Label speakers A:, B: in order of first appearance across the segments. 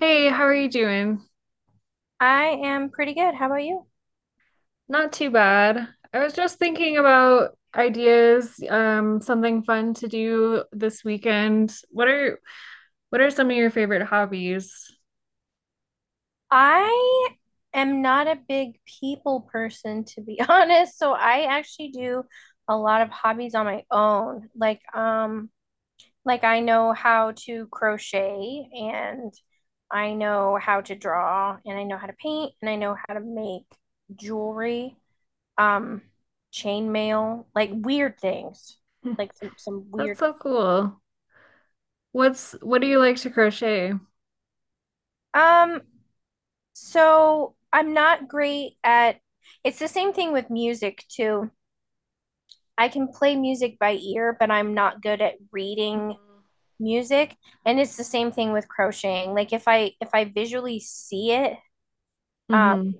A: Hey, how are you doing?
B: I am pretty good. How about you?
A: Not too bad. I was just thinking about ideas, something fun to do this weekend. What are some of your favorite hobbies?
B: I am not a big people person, to be honest. So I actually do a lot of hobbies on my own. Like I know how to crochet and I know how to draw and I know how to paint and I know how to make jewelry, um, chain mail, like weird things, like some
A: That's
B: weird.
A: so cool. What do you like to crochet?
B: Um, So I'm not great at it's the same thing with music too. I can play music by ear, but I'm not good at reading music. And it's the same thing with crocheting. Like if I visually see it, um,
A: Mm-hmm.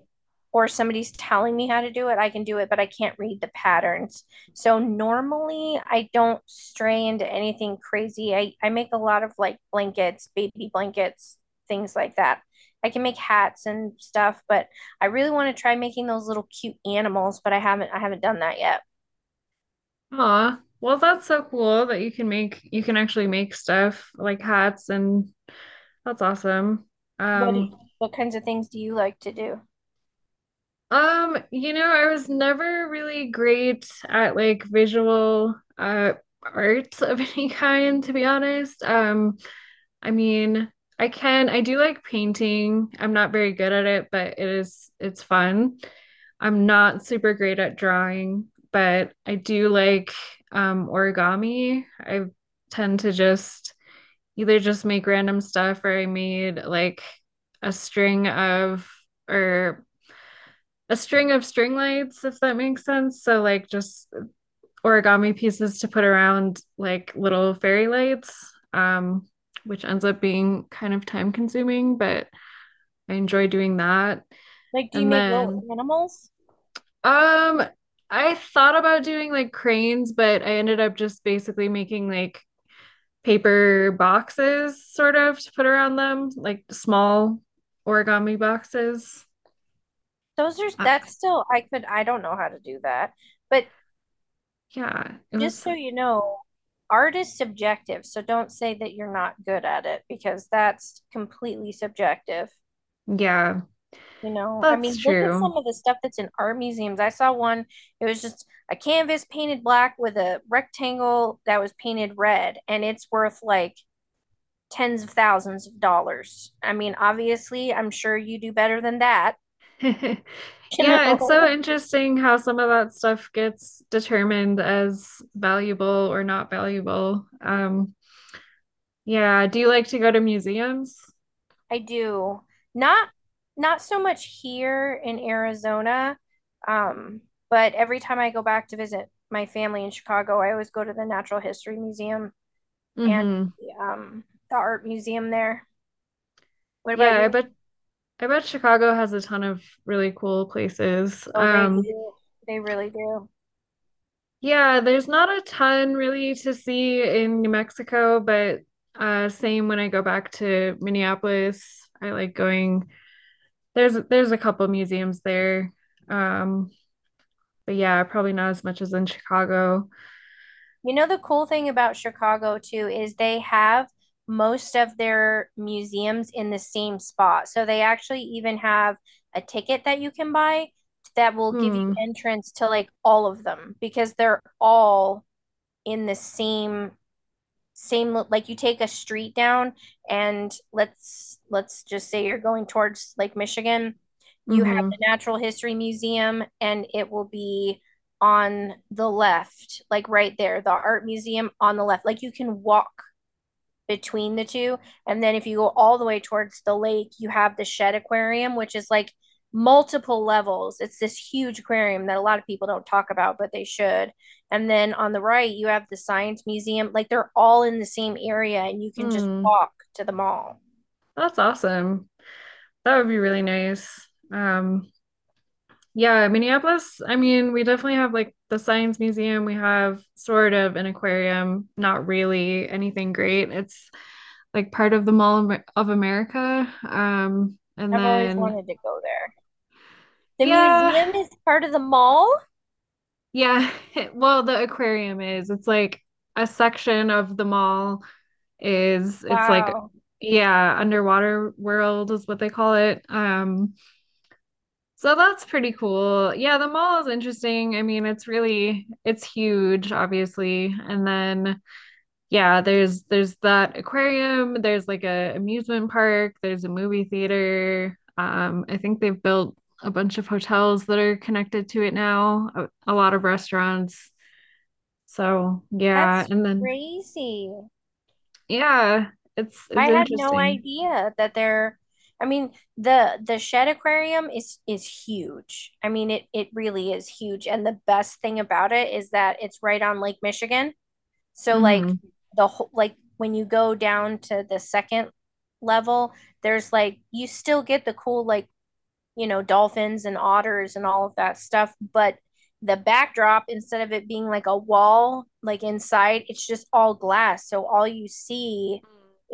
B: or somebody's telling me how to do it, I can do it, but I can't read the patterns. So normally I don't stray into anything crazy. I make a lot of like blankets, baby blankets, things like that. I can make hats and stuff, but I really want to try making those little cute animals, but I haven't done that yet.
A: Aw, well, that's so cool that you can actually make stuff like hats and that's awesome.
B: What do
A: Um,
B: you, what kinds of things do you like to do?
A: I was never really great at like visual art of any kind, to be honest. I mean, I do like painting. I'm not very good at it, but it's fun. I'm not super great at drawing, but I do like origami. I tend to just either just make random stuff, or I made like a string of or a string of string lights, if that makes sense. So like just origami pieces to put around like little fairy lights, um, which ends up being kind of time consuming, but I enjoy doing that.
B: Like do you
A: And
B: make little
A: then
B: animals?
A: um I thought about doing like cranes, but I ended up just basically making like paper boxes sort of to put around them, like small origami boxes.
B: Those are
A: Uh,
B: that's still I could I don't know how to do that. But
A: yeah, it
B: just
A: was
B: so you know, art is subjective, so don't say that you're not good at it because that's completely subjective.
A: Yeah,
B: You know, I
A: that's
B: mean, look at
A: true.
B: some of the stuff that's in art museums. I saw one, it was just a canvas painted black with a rectangle that was painted red, and it's worth like tens of thousands of dollars. I mean, obviously, I'm sure you do better than that, you
A: Yeah, it's so
B: know.
A: interesting how some of that stuff gets determined as valuable or not valuable. Yeah, do you like to go to museums?
B: I do. Not not so much here in Arizona, um, but every time I go back to visit my family in Chicago, I always go to the Natural History Museum and
A: Mm-hmm.
B: the, um, the art museum there. What about
A: Yeah, I
B: you?
A: bet I bet Chicago has a ton of really cool places.
B: Oh, they do. They really do.
A: Yeah, there's not a ton really to see in New Mexico, but same when I go back to Minneapolis. I like going. There's a couple museums there. Um, But yeah, probably not as much as in Chicago.
B: You know, the cool thing about Chicago too is they have most of their museums in the same spot. So they actually even have a ticket that you can buy that will give you
A: Hmm.
B: entrance to like all of them because they're all in the same same like you take a street down and let's just say you're going towards Lake Michigan, you have
A: Mm-hmm.
B: the Natural History Museum and it will be on the left, like right there, the art museum on the left. Like you can walk between the two. And then if you go all the way towards the lake, you have the shed aquarium, which is like multiple levels. It's this huge aquarium that a lot of people don't talk about, but they should. And then on the right, you have the science museum. Like they're all in the same area and you can just
A: Hmm.
B: walk to the mall.
A: That's awesome. That would be really nice. Um, yeah, Minneapolis, I mean, we definitely have like the Science Museum. We have sort of an aquarium, not really anything great. It's like part of the Mall of America. And
B: I've always
A: then
B: wanted to go there. The
A: yeah,
B: museum is part of the mall?
A: yeah. Well, the aquarium is. It's like a section of the mall is it's like
B: Wow.
A: Yeah, underwater world is what they call it. So that's pretty cool. Yeah, the mall is interesting. I mean, it's really it's huge obviously. And then yeah, there's that aquarium, there's like a amusement park, there's a movie theater. I think they've built a bunch of hotels that are connected to it now, a lot of restaurants. So, yeah,
B: That's
A: and then
B: crazy.
A: yeah, it's
B: I had no
A: interesting.
B: idea that they're I mean the shed aquarium is huge. I mean it really is huge and the best thing about it is that it's right on Lake Michigan. So like
A: Mhm.
B: the whole like when you go down to the second level, there's like you still get the cool like you know, dolphins and otters and all of that stuff. But the backdrop, instead of it being like a wall, like inside, it's just all glass. So all you see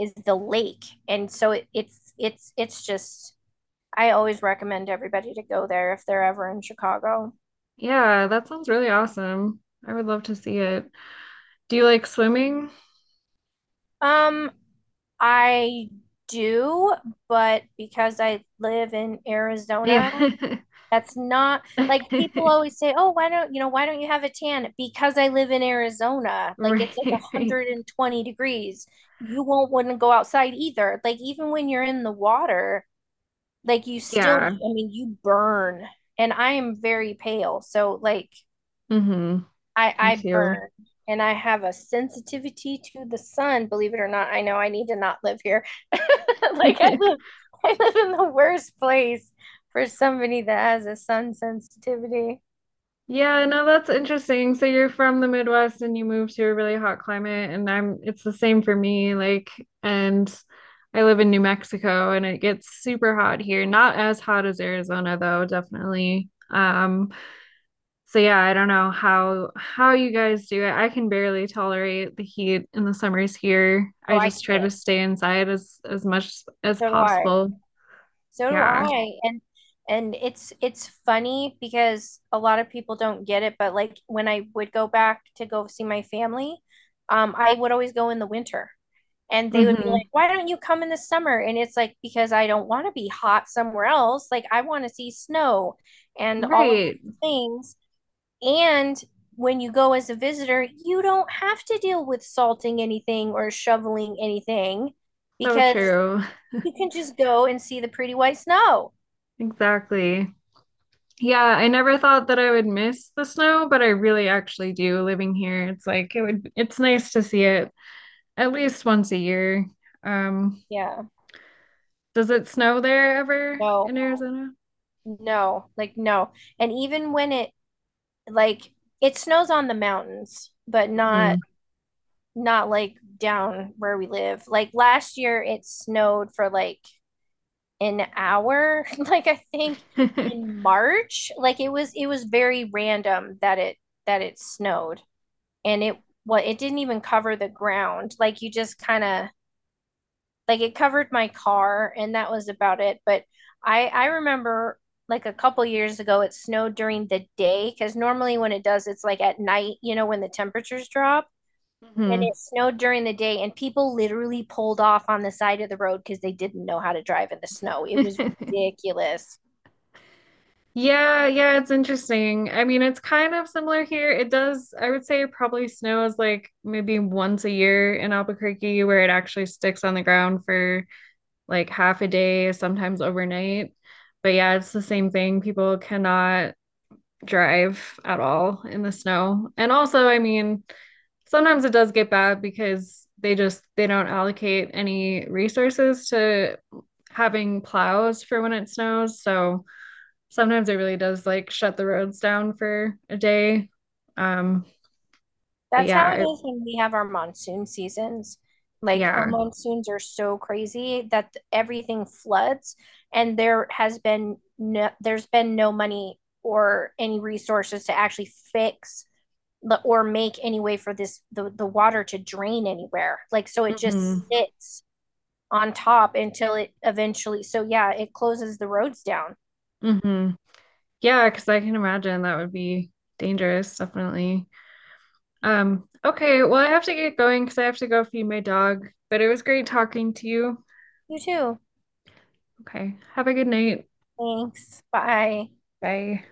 B: is the lake. And so it, it's just, I always recommend everybody to go there if they're ever in Chicago.
A: Yeah, that sounds really awesome. I would love to see it. Do you like swimming?
B: Um, I do, but because I live in
A: Yeah.
B: Arizona. That's not like people always say, "Oh, why don't you know why don't you have a tan?" Because I live in Arizona, like
A: Right.
B: it's like
A: Right.
B: 120 degrees. You won't wouldn't go outside either. Like even when you're in the water, like you still,
A: Yeah.
B: I mean, you burn. And I am very pale, so like
A: Hmm.
B: I
A: Me
B: I
A: too.
B: burn and I have a sensitivity to the sun. Believe it or not, I know I need to not live here. Like I live, I live in the worst place for somebody that has a sun sensitivity.
A: Yeah, no, that's interesting. So you're from the Midwest and you moved to a really hot climate, and I'm it's the same for me. Like, and I live in New Mexico and it gets super hot here. Not as hot as Arizona though, definitely. So yeah, I don't know how you guys do it. I can barely tolerate the heat in the summers here.
B: Oh,
A: I
B: I
A: just try to
B: can't.
A: stay inside as much as
B: So do I.
A: possible.
B: So do
A: Yeah.
B: I. And it's funny because a lot of people don't get it, but like when I would go back to go see my family, I would always go in the winter. And they would be
A: Hmm.
B: like, "Why don't you come in the summer?" And it's like because I don't want to be hot somewhere else. Like I want to see snow and all of those
A: Right.
B: things. And when you go as a visitor, you don't have to deal with salting anything or shoveling anything
A: So
B: because
A: true.
B: you can just go and see the pretty white snow.
A: Exactly. Yeah, I never thought that I would miss the snow, but I really actually do living here. It's like it's nice to see it at least once a year. Um,
B: Yeah.
A: does it snow there ever
B: No,
A: in Arizona?
B: no, like no. And even when it like it snows on the mountains, but
A: Mm-hmm.
B: not not like down where we live. Like last year it snowed for like an hour, like I think in March. Like it was very random that it snowed. And it what it didn't even cover the ground. Like you just kind of like it covered my car, and that was about it. But I remember like a couple years ago, it snowed during the day because normally when it does, it's like at night, you know, when the temperatures drop. And
A: Hmm.
B: it snowed during the day, and people literally pulled off on the side of the road because they didn't know how to drive in the snow. It was ridiculous.
A: Yeah, yeah, it's interesting. I mean, it's kind of similar here. It does, I would say it probably snows like maybe once a year in Albuquerque where it actually sticks on the ground for like half a day, sometimes overnight. But yeah, it's the same thing. People cannot drive at all in the snow. And also, I mean, sometimes it does get bad because they don't allocate any resources to having plows for when it snows. So sometimes it really does like shut the roads down for a day. Um, but
B: That's
A: yeah,
B: how it
A: I,
B: is when we have our monsoon seasons. Like our
A: yeah.
B: monsoons are so crazy that everything floods, and there's been no money or any resources to actually fix or make any way for the water to drain anywhere. Like so it
A: Hmm.
B: just sits on top until it eventually so yeah, it closes the roads down.
A: Hmm. Yeah, because I can imagine that would be dangerous, definitely. Okay, well, I have to get going because I have to go feed my dog, but it was great talking to you.
B: You too.
A: Okay, have a good night.
B: Thanks. Bye.
A: Bye.